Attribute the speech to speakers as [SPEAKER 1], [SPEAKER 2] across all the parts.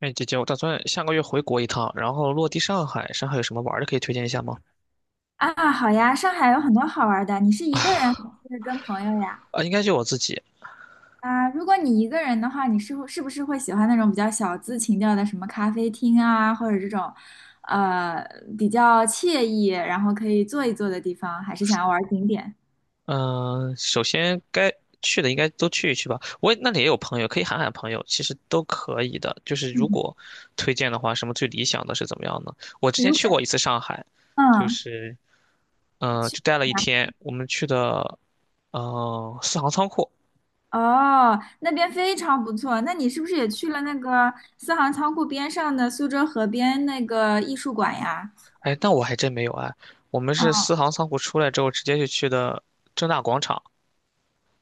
[SPEAKER 1] 哎，姐姐，我打算下个月回国一趟，然后落地上海。上海有什么玩儿的可以推荐一下吗？
[SPEAKER 2] 啊，好呀，上海有很多好玩的。你是一个人还是跟朋友呀？
[SPEAKER 1] 啊，应该就我自己。
[SPEAKER 2] 啊，如果你一个人的话，你是不是会喜欢那种比较小资情调的，什么咖啡厅啊，或者这种，呃，比较惬意，然后可以坐一坐的地方，还是想要玩景点？
[SPEAKER 1] 嗯、首先该去的应该都去一去吧。那里也有朋友，可以喊喊朋友，其实都可以的。就是如
[SPEAKER 2] 嗯，
[SPEAKER 1] 果推荐的话，什么最理想的是怎么样呢？我之前
[SPEAKER 2] 如
[SPEAKER 1] 去
[SPEAKER 2] 果
[SPEAKER 1] 过一次上海，就
[SPEAKER 2] 嗯，
[SPEAKER 1] 是
[SPEAKER 2] 去
[SPEAKER 1] 就待了一天。我们去的四行仓库。
[SPEAKER 2] 哦，那边非常不错。那你是不是也去了那个四行仓库边上的苏州河边那个艺术馆呀？
[SPEAKER 1] 哎，那我还真没有哎，我们
[SPEAKER 2] 哦
[SPEAKER 1] 是四行仓库出来之后，直接就去的正大广场。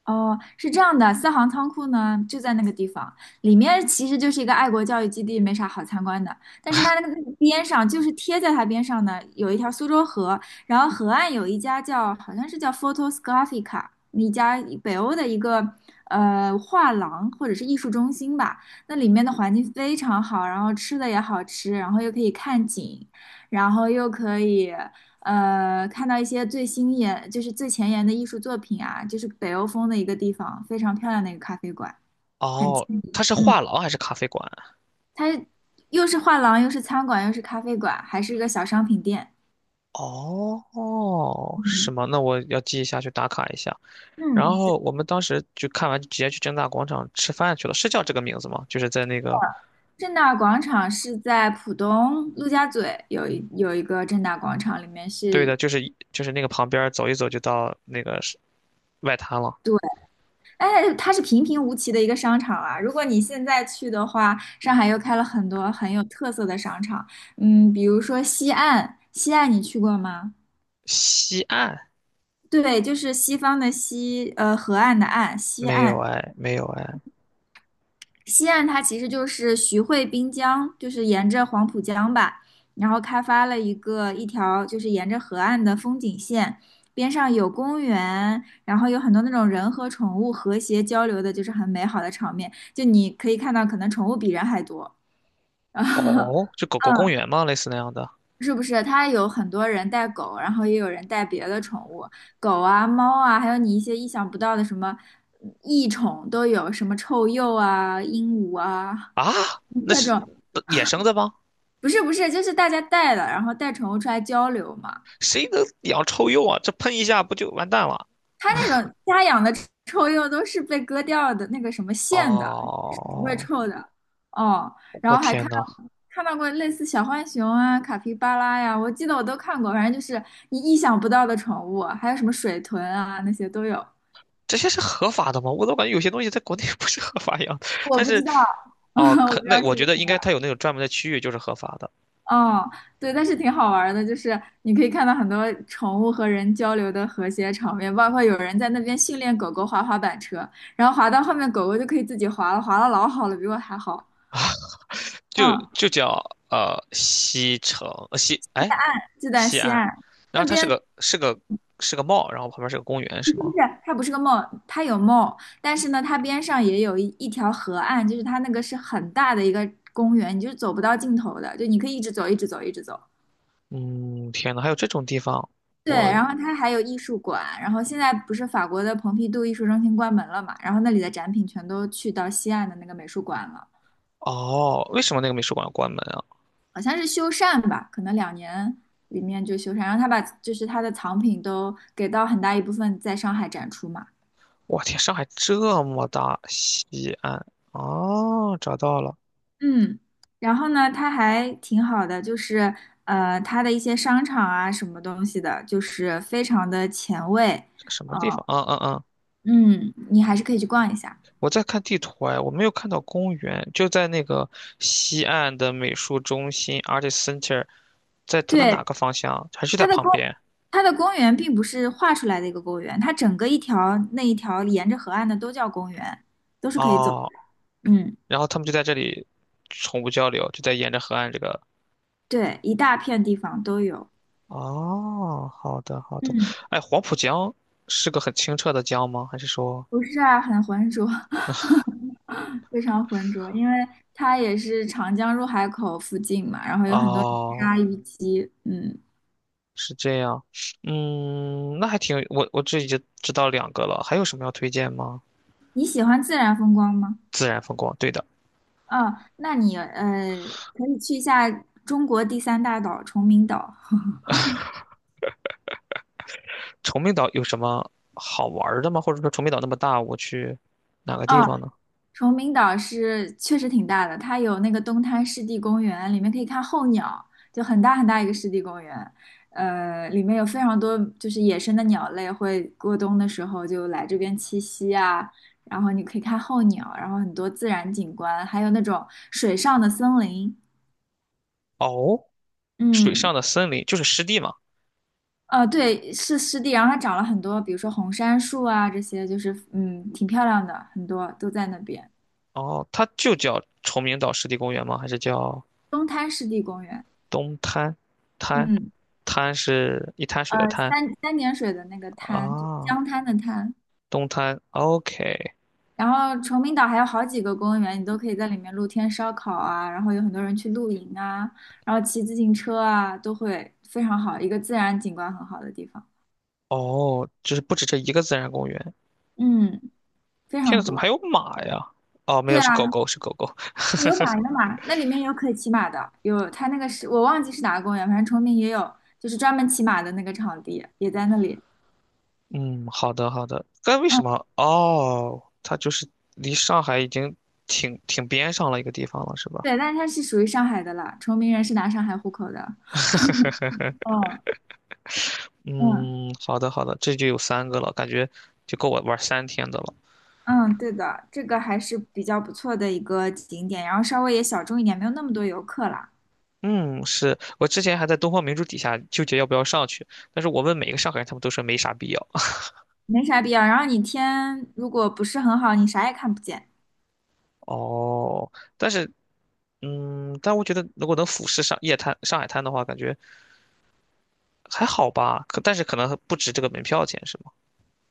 [SPEAKER 2] 哦，是这样的，四行仓库呢就在那个地方，里面其实就是一个爱国教育基地，没啥好参观的。但是它那个边上，就是贴在它边上的，有一条苏州河，然后河岸有一家好像是叫 Photos Graphica 一家北欧的一个画廊或者是艺术中心吧。那里面的环境非常好，然后吃的也好吃，然后又可以看景，然后又可以。看到一些最新研，就是最前沿的艺术作品啊，就是北欧风的一个地方，非常漂亮的一个咖啡馆，很近。
[SPEAKER 1] 哦，它是
[SPEAKER 2] 嗯，
[SPEAKER 1] 画廊还是咖啡馆？
[SPEAKER 2] 它又是画廊，又是餐馆，又是咖啡馆，还是一个小商品店。
[SPEAKER 1] 哦，是
[SPEAKER 2] 嗯
[SPEAKER 1] 吗？那我要记一下，去打卡一下。然
[SPEAKER 2] 嗯，对，
[SPEAKER 1] 后我们当时就看完，直接去正大广场吃饭去了，是叫这个名字吗？就是在那个，
[SPEAKER 2] 正大广场是在浦东陆家嘴有一个正大广场，里面
[SPEAKER 1] 对的，
[SPEAKER 2] 是。
[SPEAKER 1] 就是那个旁边儿走一走就到那个是外滩了。
[SPEAKER 2] 对。哎，它是平平无奇的一个商场啊。如果你现在去的话，上海又开了很多很有特色的商场，比如说西岸，西岸你去过吗？
[SPEAKER 1] 西岸
[SPEAKER 2] 对，就是西方的西，河岸的岸，西
[SPEAKER 1] 没有
[SPEAKER 2] 岸。
[SPEAKER 1] 哎，没有哎。
[SPEAKER 2] 西岸它其实就是徐汇滨江，就是沿着黄浦江吧，然后开发了一条就是沿着河岸的风景线，边上有公园，然后有很多那种人和宠物和谐交流的，就是很美好的场面。就你可以看到，可能宠物比人还多。
[SPEAKER 1] 哦，就狗狗公
[SPEAKER 2] 嗯，
[SPEAKER 1] 园吗？类似那样的
[SPEAKER 2] 是不是？它有很多人带狗，然后也有人带别的宠物，狗啊、猫啊，还有你一些意想不到的什么异宠都有，什么臭鼬啊、鹦鹉啊。
[SPEAKER 1] 啊？那
[SPEAKER 2] 各
[SPEAKER 1] 是
[SPEAKER 2] 种，
[SPEAKER 1] 野生的吗？
[SPEAKER 2] 不是不是，就是大家带了，然后带宠物出来交流嘛。
[SPEAKER 1] 谁能养臭鼬啊？这喷一下不就完蛋了？
[SPEAKER 2] 它那种家养的臭鼬都是被割掉的那个什么线的，是不会
[SPEAKER 1] 哦，
[SPEAKER 2] 臭的。哦，然
[SPEAKER 1] 我
[SPEAKER 2] 后还
[SPEAKER 1] 天呐，
[SPEAKER 2] 到看到过类似小浣熊啊、卡皮巴拉呀，我记得我都看过，反正就是你意想不到的宠物，还有什么水豚啊那些都有。
[SPEAKER 1] 这些是合法的吗？我都感觉有些东西在国内 不是合法一样的。
[SPEAKER 2] 我
[SPEAKER 1] 但
[SPEAKER 2] 不
[SPEAKER 1] 是，
[SPEAKER 2] 知道，
[SPEAKER 1] 哦，
[SPEAKER 2] 我不
[SPEAKER 1] 可
[SPEAKER 2] 知道
[SPEAKER 1] 那我觉
[SPEAKER 2] 是。
[SPEAKER 1] 得应该它有那种专门的区域就是合法的，
[SPEAKER 2] 哦，对，但是挺好玩儿的，就是你可以看到很多宠物和人交流的和谐场面，包括有人在那边训练狗狗滑滑板车，然后滑到后面狗狗就可以自己滑了，滑的老好了，比我还好。
[SPEAKER 1] 就
[SPEAKER 2] 嗯，
[SPEAKER 1] 就叫西城
[SPEAKER 2] 就在
[SPEAKER 1] 西
[SPEAKER 2] 西
[SPEAKER 1] 安，
[SPEAKER 2] 岸
[SPEAKER 1] 然
[SPEAKER 2] 那
[SPEAKER 1] 后它是
[SPEAKER 2] 边，
[SPEAKER 1] 个是个 mall,然后旁边是个公园
[SPEAKER 2] 就
[SPEAKER 1] 是
[SPEAKER 2] 是
[SPEAKER 1] 吗？
[SPEAKER 2] 它不是个梦，它有梦，但是呢，它边上也有一条河岸，就是它那个是很大的一个公园，你就走不到尽头的，就你可以一直走，一直走，一直走。
[SPEAKER 1] 嗯，天呐，还有这种地方，
[SPEAKER 2] 对，
[SPEAKER 1] 我
[SPEAKER 2] 然后它还有艺术馆，然后现在不是法国的蓬皮杜艺术中心关门了嘛，然后那里的展品全都去到西岸的那个美术馆了，
[SPEAKER 1] 哦，为什么那个美术馆要关门啊？
[SPEAKER 2] 好像是修缮吧，可能2年里面就修缮，然后他把就是他的藏品都给到很大一部分在上海展出嘛，
[SPEAKER 1] 我天，上海这么大，西安哦，找到了，
[SPEAKER 2] 嗯，然后呢，它还挺好的，就是它的一些商场啊什么东西的，就是非常的前卫，
[SPEAKER 1] 这什么
[SPEAKER 2] 啊，
[SPEAKER 1] 地方？嗯。
[SPEAKER 2] 嗯，你还是可以去逛一下。
[SPEAKER 1] 我在看地图哎，我没有看到公园，就在那个西岸的美术中心 a r t i s Center,在它的哪
[SPEAKER 2] 对，
[SPEAKER 1] 个方向？还是在
[SPEAKER 2] 它的
[SPEAKER 1] 旁
[SPEAKER 2] 公
[SPEAKER 1] 边？
[SPEAKER 2] 它的公园并不是画出来的一个公园，它整个那一条沿着河岸的都叫公园，都是可以走的。
[SPEAKER 1] 哦，
[SPEAKER 2] 嗯，
[SPEAKER 1] 然后他们就在这里宠物交流，就在沿着河岸这个。
[SPEAKER 2] 对，一大片地方都有。
[SPEAKER 1] 哦，好的好的。
[SPEAKER 2] 嗯，
[SPEAKER 1] 哎，黄浦江是个很清澈的江吗？还是说？
[SPEAKER 2] 不是啊，很浑浊，非常浑浊，因为它也是长江入海口附近嘛，然后有很多泥
[SPEAKER 1] 哦，
[SPEAKER 2] 沙淤积嗯，
[SPEAKER 1] 是这样。嗯，那还挺，我这已经知道两个了，还有什么要推荐吗？
[SPEAKER 2] 你喜欢自然风光吗？
[SPEAKER 1] 自然风光，对的。
[SPEAKER 2] 哦，那你可以去一下中国第三大岛崇明岛。
[SPEAKER 1] 崇明岛有什么好玩儿的吗？或者说崇明岛那么大，我去哪个地方
[SPEAKER 2] 啊，
[SPEAKER 1] 呢？
[SPEAKER 2] 崇明岛是确实挺大的，它有那个东滩湿地公园，里面可以看候鸟，就很大很大一个湿地公园，里面有非常多就是野生的鸟类会过冬的时候就来这边栖息啊，然后你可以看候鸟，然后很多自然景观，还有那种水上的森林，
[SPEAKER 1] 哦，水
[SPEAKER 2] 嗯，
[SPEAKER 1] 上的森林就是湿地嘛。
[SPEAKER 2] 对，是湿地，然后它长了很多，比如说红杉树啊，这些就是嗯挺漂亮的，很多都在那边，
[SPEAKER 1] 哦，它就叫崇明岛湿地公园吗？还是叫
[SPEAKER 2] 东滩湿地公园，
[SPEAKER 1] 东滩？滩
[SPEAKER 2] 嗯。
[SPEAKER 1] 是一滩水的滩
[SPEAKER 2] 三点水的那个滩，就是
[SPEAKER 1] 啊，
[SPEAKER 2] 江滩的滩。
[SPEAKER 1] 东滩。OK,
[SPEAKER 2] 然后崇明岛还有好几个公园，你都可以在里面露天烧烤啊，然后有很多人去露营啊，然后骑自行车啊，都会非常好，一个自然景观很好的地方。
[SPEAKER 1] 哦，就是不止这一个自然公园。
[SPEAKER 2] 嗯，非
[SPEAKER 1] 天呐，
[SPEAKER 2] 常
[SPEAKER 1] 怎么还
[SPEAKER 2] 多。
[SPEAKER 1] 有马呀？哦，没
[SPEAKER 2] 对
[SPEAKER 1] 有，是
[SPEAKER 2] 啊，
[SPEAKER 1] 狗狗，是狗狗。
[SPEAKER 2] 有马有马，那里面有可以骑马的，有它那个是我忘记是哪个公园，反正崇明也有，就是专门骑马的那个场地也在那里。
[SPEAKER 1] 嗯，好的好的。但为
[SPEAKER 2] 嗯，
[SPEAKER 1] 什么？哦，它就是离上海已经挺边上了一个地方了，是吧？
[SPEAKER 2] 对，但是它是属于上海的了，崇明人是拿上海户口的。嗯哦，嗯。
[SPEAKER 1] 嗯，好的好的，这就有三个了，感觉就够我玩三天的了。
[SPEAKER 2] 嗯，对的，这个还是比较不错的一个景点，然后稍微也小众一点，没有那么多游客啦，
[SPEAKER 1] 嗯，是我之前还在东方明珠底下纠结要不要上去，但是我问每个上海人，他们都说没啥必要。
[SPEAKER 2] 没啥必要。然后你天如果不是很好，你啥也看不见。
[SPEAKER 1] 哦，但是嗯，但我觉得如果能俯视上海滩的话，感觉还好吧。可但是可能不值这个门票钱，是吗？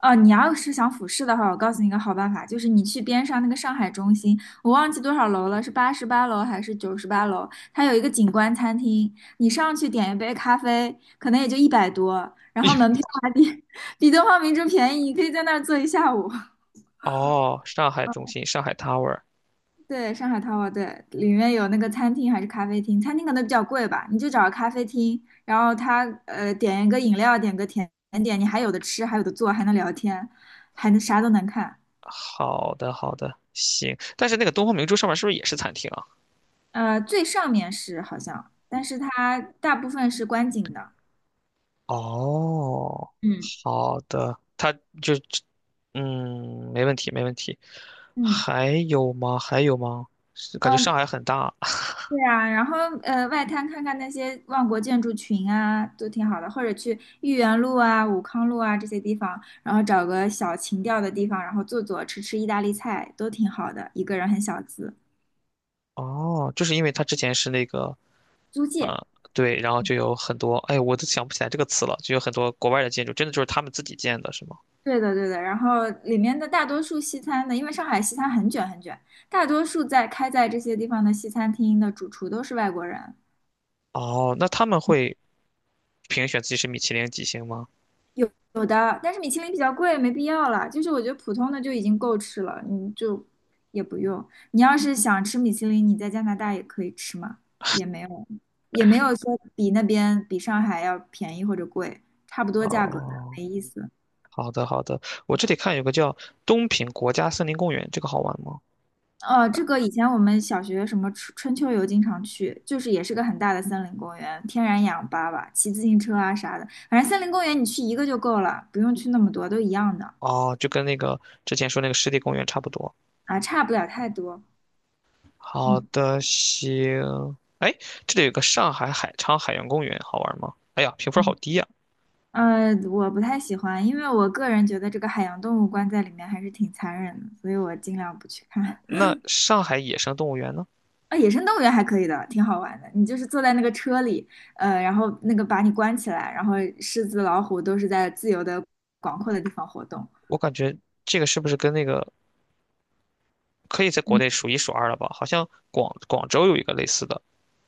[SPEAKER 2] 哦，你要是想俯视的话，我告诉你一个好办法，就是你去边上那个上海中心，我忘记多少楼了，是88楼还是98楼？它有一个景观餐厅，你上去点一杯咖啡，可能也就一百多，然后门票还比 比东方明珠便宜，你可以在那儿坐一下午。
[SPEAKER 1] 哦，上海中心，上海 Tower。
[SPEAKER 2] 对，上海淘宝对，里面有那个餐厅还是咖啡厅？餐厅可能比较贵吧，你就找个咖啡厅，然后他点一个饮料，点个甜点，你还有的吃，还有的做，还能聊天，还能啥都能看。
[SPEAKER 1] 好的，好的，行。但是那个东方明珠上面是不是也是餐厅啊？
[SPEAKER 2] 最上面是好像，但是它大部分是观景的。
[SPEAKER 1] 哦，
[SPEAKER 2] 嗯
[SPEAKER 1] 好的，就，嗯，没问题，没问题。
[SPEAKER 2] 嗯
[SPEAKER 1] 还有吗？还有吗？是感觉
[SPEAKER 2] 嗯，
[SPEAKER 1] 上海很大。
[SPEAKER 2] 对啊，然后外滩看看那些万国建筑群啊，都挺好的，或者去豫园路啊、武康路啊这些地方，然后找个小情调的地方，然后坐坐吃吃意大利菜，都挺好的。一个人很小资，
[SPEAKER 1] 哦，就是因为它之前是那个，
[SPEAKER 2] 租界。
[SPEAKER 1] 呃，对，然后就有很多，哎，我都想不起来这个词了，就有很多国外的建筑，真的就是他们自己建的，是吗？
[SPEAKER 2] 对的，对的。然后里面的大多数西餐呢，因为上海西餐很卷很卷，大多数开在这些地方的西餐厅的主厨都是外国人，
[SPEAKER 1] 哦，那他们会评选自己是米其林几星吗？
[SPEAKER 2] 有的，但是米其林比较贵，没必要了。就是我觉得普通的就已经够吃了，你就也不用。你要是想吃米其林，你在加拿大也可以吃嘛，也没有，也没有说比那边比上海要便宜或者贵，差不多价格的，
[SPEAKER 1] 哦，
[SPEAKER 2] 没意思。
[SPEAKER 1] 好的，好的。我这里看有个叫东平国家森林公园，这个好玩吗？
[SPEAKER 2] 哦，这个以前我们小学什么春秋游经常去，就是也是个很大的森林公园，天然氧吧吧，骑自行车啊啥的，反正森林公园你去一个就够了，不用去那么多，都一样的
[SPEAKER 1] 哦，就跟那个之前说那个湿地公园差不多。
[SPEAKER 2] 啊，差不了太多。
[SPEAKER 1] 好
[SPEAKER 2] 嗯。
[SPEAKER 1] 的，行。哎，这里有个上海海昌海洋公园，好玩吗？哎呀，评分好低呀。
[SPEAKER 2] 我不太喜欢，因为我个人觉得这个海洋动物关在里面还是挺残忍的，所以我尽量不去看。
[SPEAKER 1] 那上海野生动物园呢？
[SPEAKER 2] 啊，野生动物园还可以的，挺好玩的。你就是坐在那个车里，然后那个把你关起来，然后狮子、老虎都是在自由的、广阔的地方活动。
[SPEAKER 1] 我感觉这个是不是跟那个可以在国
[SPEAKER 2] 嗯，
[SPEAKER 1] 内数一数二了吧？好像广州有一个类似的。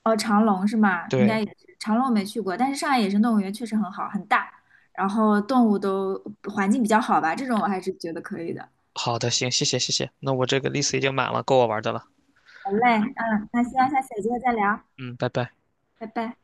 [SPEAKER 2] 哦，长隆是吗？应该
[SPEAKER 1] 对，
[SPEAKER 2] 也是，长隆我没去过，但是上海野生动物园确实很好，很大，然后动物都环境比较好吧，这种我还是觉得可以的。
[SPEAKER 1] 好的，行，谢谢。那我这个 list 已经满了，够我玩的了。
[SPEAKER 2] 好嘞，嗯，那希望下次有机会再聊，
[SPEAKER 1] 嗯，拜拜。
[SPEAKER 2] 拜拜。